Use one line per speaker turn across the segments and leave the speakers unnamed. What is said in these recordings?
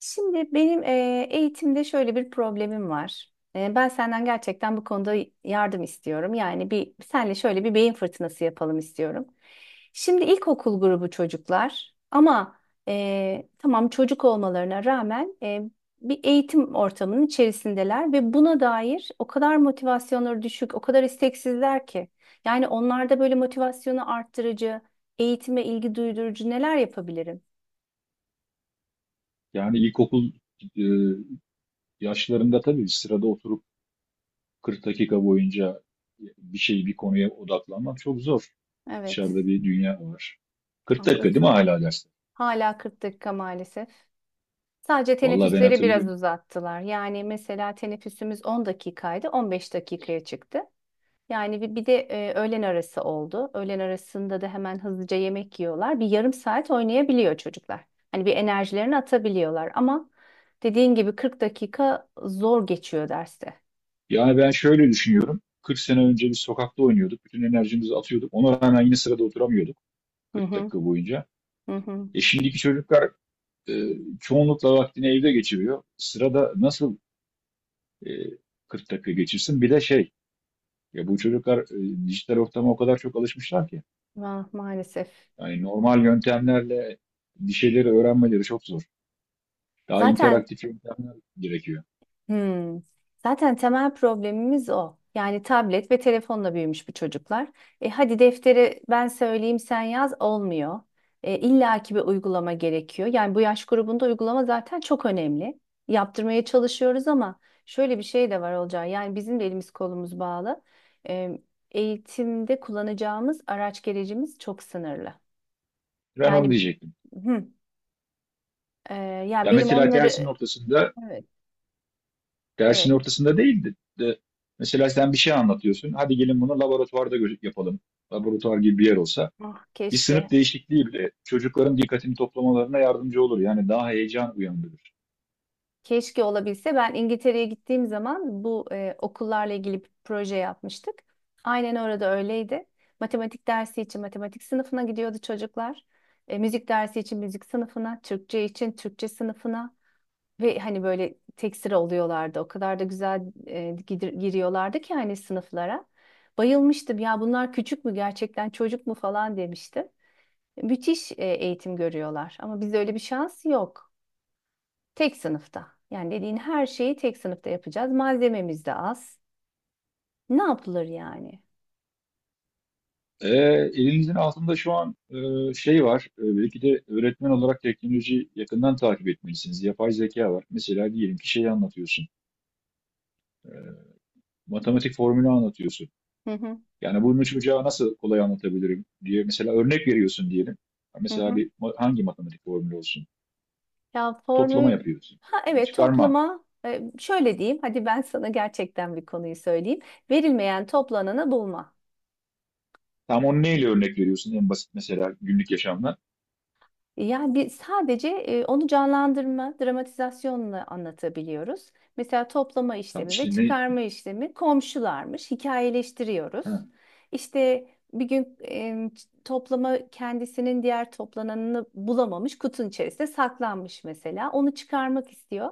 Şimdi benim eğitimde şöyle bir problemim var. Ben senden gerçekten bu konuda yardım istiyorum. Yani bir senle şöyle bir beyin fırtınası yapalım istiyorum. Şimdi ilkokul grubu çocuklar ama tamam çocuk olmalarına rağmen bir eğitim ortamının içerisindeler ve buna dair o kadar motivasyonları düşük, o kadar isteksizler ki. Yani onlarda böyle motivasyonu arttırıcı, eğitime ilgi duydurucu neler yapabilirim?
Yani ilkokul e, yaşlarında tabii sırada oturup 40 dakika boyunca bir konuya odaklanmak çok zor.
Evet,
Dışarıda bir dünya var. 40 dakika değil mi
haklısın.
hala dersler?
Hala 40 dakika maalesef. Sadece
Vallahi ben
teneffüsleri biraz
hatırlıyorum.
uzattılar. Yani mesela teneffüsümüz 10 dakikaydı, 15 dakikaya çıktı. Yani bir de öğlen arası oldu. Öğlen arasında da hemen hızlıca yemek yiyorlar. Bir yarım saat oynayabiliyor çocuklar. Hani bir enerjilerini atabiliyorlar ama dediğin gibi 40 dakika zor geçiyor derste.
Yani ben şöyle düşünüyorum. 40 sene önce biz sokakta oynuyorduk. Bütün enerjimizi atıyorduk. Ona rağmen yine sırada oturamıyorduk
Hı
40
hı,
dakika boyunca.
hı hı.
E şimdiki çocuklar e, çoğunlukla vaktini evde geçiriyor. Sırada nasıl e, 40 dakika geçirsin? Bir de ya bu çocuklar dijital ortama o kadar çok alışmışlar ki.
Maalesef.
Yani normal yöntemlerle bir şeyleri öğrenmeleri çok zor. Daha
Zaten
interaktif yöntemler gerekiyor.
Hmm. Zaten temel problemimiz o. Yani tablet ve telefonla büyümüş bu çocuklar. Hadi defteri ben söyleyeyim sen yaz olmuyor. İlla bir uygulama gerekiyor. Yani bu yaş grubunda uygulama zaten çok önemli. Yaptırmaya çalışıyoruz ama şöyle bir şey de var olacağı. Yani bizim de elimiz kolumuz bağlı. E, Eğitimde kullanacağımız araç gerecimiz çok sınırlı.
Ben onu
Yani
diyecektim.
hı, e, ya
Ya
benim
mesela dersin
onları
ortasında,
evet,
dersin
evet.
ortasında değil de, de mesela sen bir şey anlatıyorsun. Hadi gelin bunu laboratuvarda yapalım. Laboratuvar gibi bir yer olsa.
Ah,
Bir sınıf
keşke.
değişikliği bile çocukların dikkatini toplamalarına yardımcı olur. Yani daha heyecan uyandırır.
Keşke olabilse. Ben İngiltere'ye gittiğim zaman bu okullarla ilgili bir proje yapmıştık. Aynen orada öyleydi. Matematik dersi için matematik sınıfına gidiyordu çocuklar. Müzik dersi için müzik sınıfına, Türkçe için Türkçe sınıfına ve hani böyle tek sıra oluyorlardı. O kadar da güzel giriyorlardı ki hani sınıflara. Bayılmıştım ya bunlar küçük mü gerçekten çocuk mu falan demiştim. Müthiş eğitim görüyorlar ama bizde öyle bir şans yok. Tek sınıfta. Yani dediğin her şeyi tek sınıfta yapacağız. Malzememiz de az. Ne yapılır yani?
E, Elinizin altında şu an şey var. E, belki de öğretmen olarak teknolojiyi yakından takip etmelisiniz. Yapay zeka var. Mesela diyelim ki şeyi anlatıyorsun. Matematik formülü anlatıyorsun.
Hı hı,
Yani bunu bucağı nasıl kolay anlatabilirim diye mesela örnek veriyorsun diyelim.
hı
Mesela
hı.
hangi matematik formülü olsun?
Ya,
Toplama
formül.
yapıyorsun.
Ha,
Toplama,
evet,
çıkarma.
toplama. Şöyle diyeyim hadi ben sana gerçekten bir konuyu söyleyeyim. Verilmeyen toplananı bulma.
Tam onu neyle örnek veriyorsun en basit mesela günlük yaşamda?
Yani bir sadece onu canlandırma, dramatizasyonla anlatabiliyoruz. Mesela toplama
Tam
işlemi ve
işte ne?
çıkarma işlemi komşularmış,
Ha,
hikayeleştiriyoruz. İşte bir gün toplama kendisinin diğer toplananını bulamamış, kutunun içerisinde saklanmış mesela. Onu çıkarmak istiyor,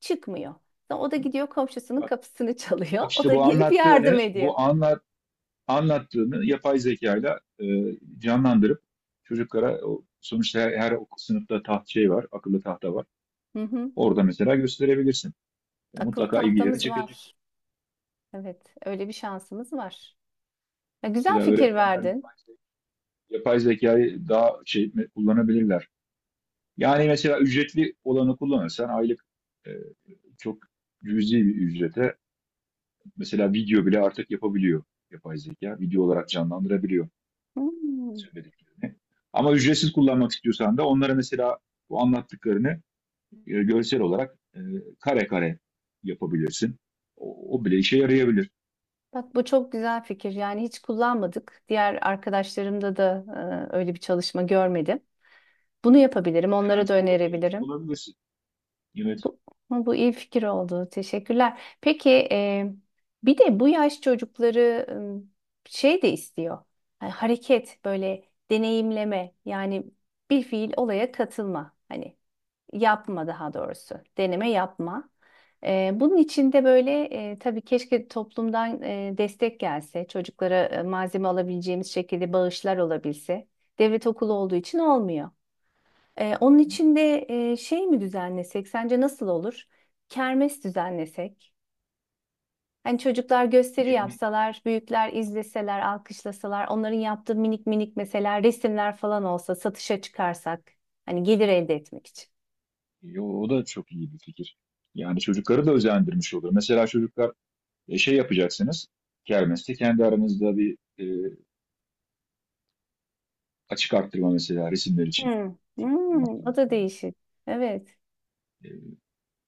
çıkmıyor. Sonra o da gidiyor komşusunun
bak,
kapısını çalıyor.
bak
O
işte
da
bu
gelip yardım ediyor.
anlattığını yapay zekayla canlandırıp çocuklara o, sonuçta her sınıfta akıllı tahta var.
Hı hı.
Orada mesela gösterebilirsin. E,
Akıl
mutlaka ilgileri
tahtamız
çekecek.
var. Evet, öyle bir şansımız var. Ya, güzel
Mesela
fikir
öğretmenler
verdin.
yapay zekayı daha kullanabilirler. Yani mesela ücretli olanı kullanırsan aylık e, çok cüzi bir ücrete mesela video bile artık yapabiliyor yapay zeka. Video olarak canlandırabiliyor
Hmm.
söylediklerini. Ama ücretsiz kullanmak istiyorsan da onlara mesela bu anlattıklarını görsel olarak kare kare yapabilirsin. O bile işe yarayabilir.
Bak bu çok güzel fikir. Yani hiç kullanmadık. Diğer arkadaşlarımda da öyle bir çalışma görmedim. Bunu yapabilirim.
Sen
Onlara da
öncü, ol- öncü
önerebilirim.
olabilirsin. Evet.
Bu, bu iyi fikir oldu. Teşekkürler. Peki, bir de bu yaş çocukları şey de istiyor. Hani hareket böyle deneyimleme yani bir fiil olaya katılma. Hani yapma daha doğrusu. Deneme yapma. Bunun için de böyle, tabii keşke toplumdan destek gelse. Çocuklara malzeme alabileceğimiz şekilde bağışlar olabilse. Devlet okulu olduğu için olmuyor. Onun
Hı hı.
için de şey mi düzenlesek? Sence nasıl olur? Kermes düzenlesek. Hani çocuklar
Ne,
gösteri
ne
yapsalar, büyükler izleseler, alkışlasalar, onların yaptığı minik minik mesela resimler falan olsa satışa çıkarsak. Hani gelir elde etmek için.
Yo, o da çok iyi bir fikir. Yani çocukları da özendirmiş olur. Mesela çocuklar şey yapacaksınız. Kermeste kendi aranızda bir açık arttırma mesela resimler için.
Hmm.
Çocukların
Hmm.
yaptığı
O da
resimler için.
değişik. Evet,
E,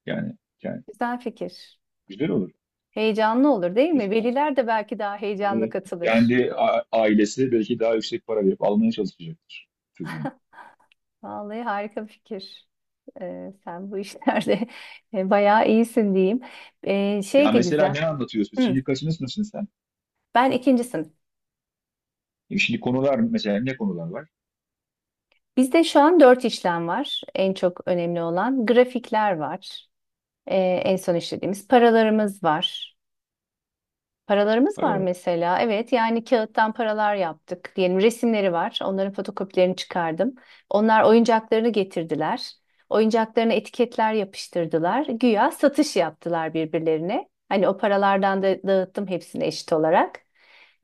yani, yani
güzel fikir.
güzel olur.
Heyecanlı olur değil mi?
Mesela
Veliler de belki daha heyecanla
e,
katılır.
ailesi belki daha yüksek para verip almaya çalışacaktır çocuğun.
Vallahi harika bir fikir. Sen bu işlerde bayağı iyisin diyeyim. Şey
Ya
de
mesela
güzel.
ne anlatıyorsun?
Hı,
Şimdi kaçınız mısın sen?
ben ikinci sınıf.
E, şimdi konular mesela ne konular var?
Bizde şu an dört işlem var. En çok önemli olan grafikler var. Ee, En son işlediğimiz paralarımız var. Paralarımız var
Paralar.
mesela. Evet yani kağıttan paralar yaptık. Diyelim resimleri var. Onların fotokopilerini çıkardım. Onlar oyuncaklarını getirdiler. Oyuncaklarına etiketler yapıştırdılar. Güya satış yaptılar birbirlerine. Hani o paralardan da dağıttım hepsini eşit olarak.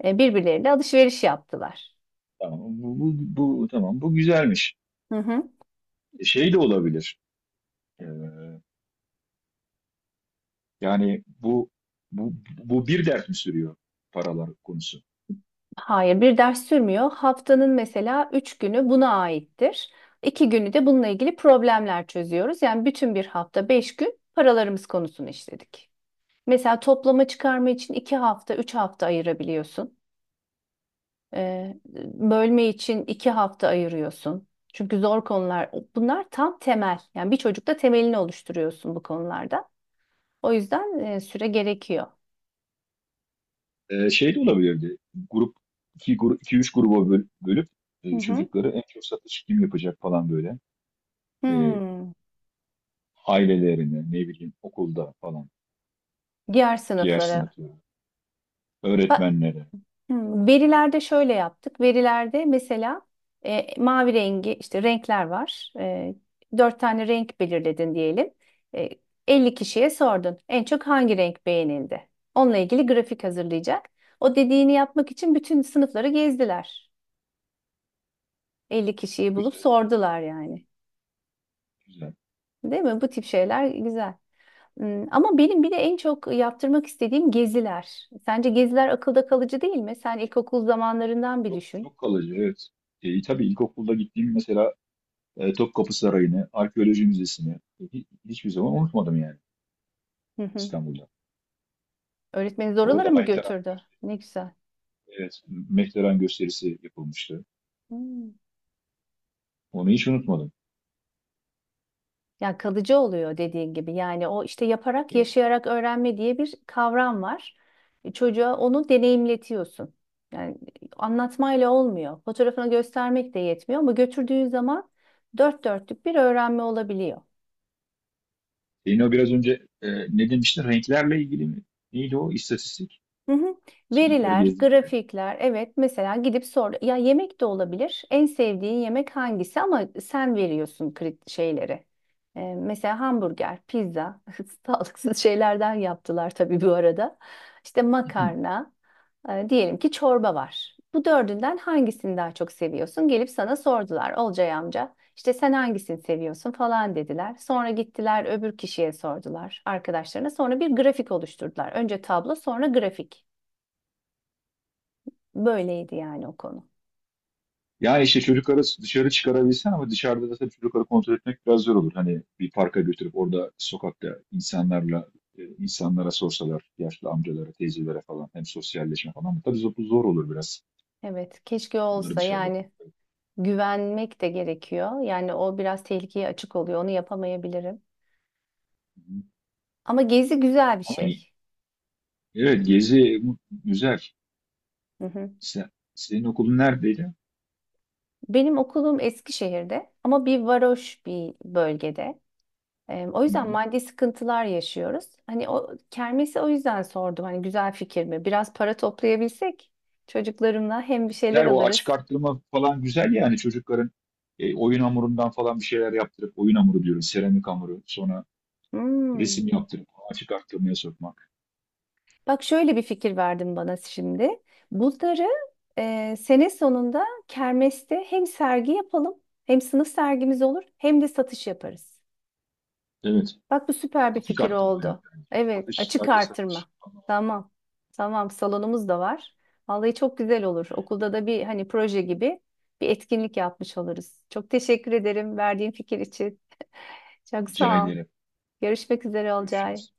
Birbirleriyle alışveriş yaptılar.
Bu tamam bu güzelmiş.
Hı hı.
E, şey de olabilir. E, Yani bu bu, Bu bir dert mi sürüyor paralar konusu?
Hayır, bir ders sürmüyor. Haftanın mesela 3 günü buna aittir. 2 günü de bununla ilgili problemler çözüyoruz. Yani bütün bir hafta 5 gün paralarımız konusunu işledik. Mesela toplama çıkarma için 2 hafta, 3 hafta ayırabiliyorsun. Ee, Bölme için 2 hafta ayırıyorsun. Çünkü zor konular. Bunlar tam temel. Yani bir çocukta temelini oluşturuyorsun bu konularda. O yüzden süre gerekiyor.
Şey de olabilirdi. Grup iki üç gruba bölüp
Hı hı.
çocukları en çok satış kim yapacak falan böyle. E,
Hmm.
ailelerine, ne bileyim okulda falan,
Diğer
diğer
sınıflara.
sınıflara,
Ba-
öğretmenlere.
Verilerde şöyle yaptık. Verilerde mesela mavi rengi işte renkler var. Dört tane renk belirledin diyelim. E, 50 kişiye sordun. En çok hangi renk beğenildi? Onunla ilgili grafik hazırlayacak. O dediğini yapmak için bütün sınıfları gezdiler. 50 kişiyi bulup
Güzel,
sordular yani.
güzel.
Değil mi? Bu tip şeyler güzel. Ama benim bir de en çok yaptırmak istediğim geziler. Sence geziler akılda kalıcı değil mi? Sen ilkokul zamanlarından bir
Çok
düşün.
çok kalıcı, evet. E, tabii ilkokulda gittiğim mesela Topkapı Sarayı'nı, Arkeoloji Müzesi'ni, hiçbir zaman unutmadım yani İstanbul'da.
Öğretmeniz oralara
Orada
mı
Maytara
götürdü? Ne güzel.
evet, McLaren gösterisi yapılmıştı.
Hmm.
Onu hiç unutmadım.
Yani kalıcı oluyor dediğin gibi. Yani o işte yaparak,
Tabii.
yaşayarak öğrenme diye bir kavram var. Çocuğa onu deneyimletiyorsun. Yani anlatmayla olmuyor. Fotoğrafını göstermek de yetmiyor ama götürdüğün zaman dört dörtlük bir öğrenme olabiliyor.
Yine o biraz önce ne demiştin? Renklerle ilgili mi? Neydi o? İstatistik.
Hı hı.
Sınıfları
Veriler,
gezdikleri.
grafikler, evet mesela gidip sor. Ya yemek de olabilir. En sevdiğin yemek hangisi ama sen veriyorsun krit şeyleri. Mesela hamburger, pizza, sağlıksız şeylerden yaptılar tabii bu arada. İşte makarna, diyelim ki çorba var. Bu dördünden hangisini daha çok seviyorsun? Gelip sana sordular. Olcay amca. İşte sen hangisini seviyorsun falan dediler. Sonra gittiler öbür kişiye sordular arkadaşlarına. Sonra bir grafik oluşturdular. Önce tablo sonra grafik. Böyleydi yani o konu.
Yani işte çocukları dışarı çıkarabilsen ama dışarıda da tabii çocukları kontrol etmek biraz zor olur. Hani bir parka götürüp orada sokakta insanlara sorsalar, yaşlı amcalara, teyzelere falan hem sosyalleşme falan ama tabii zor olur biraz
Evet, keşke
onları
olsa
dışarıda. Hı
yani güvenmek de gerekiyor. Yani o biraz tehlikeye açık oluyor. Onu yapamayabilirim.
hı.
Ama gezi güzel bir
Ama iyi.
şey.
Evet, güzel.
Hı hı.
Senin okulun neredeydi?
Benim okulum Eskişehir'de ama bir varoş bir bölgede. O
Hı
yüzden
hı.
maddi sıkıntılar yaşıyoruz. Hani o kermesi o yüzden sordum. Hani güzel fikir mi? Biraz para toplayabilsek çocuklarımla hem bir şeyler
Güzel, o açık
alırız.
arttırma falan güzel, yani çocukların oyun hamurundan falan bir şeyler yaptırıp, oyun hamuru diyoruz, seramik hamuru sonra
Hmm.
resim yaptırıp açık arttırmaya sokmak.
Bak şöyle bir fikir verdin bana şimdi. Bunları sene sonunda kermeste hem sergi yapalım, hem sınıf sergimiz olur, hem de satış yaparız.
Evet.
Bak bu süper bir
Açık
fikir
arttırma yap
oldu.
bence.
Evet,
Satış
açık
sadece satış.
artırma.
Tamam.
Tamam. Tamam, salonumuz da var. Vallahi çok güzel olur.
Evet.
Okulda da bir hani proje gibi bir etkinlik yapmış oluruz. Çok teşekkür ederim verdiğin fikir için. Çok
Rica
sağ ol.
ederim.
Görüşmek üzere Olcay.
Görüşürüz.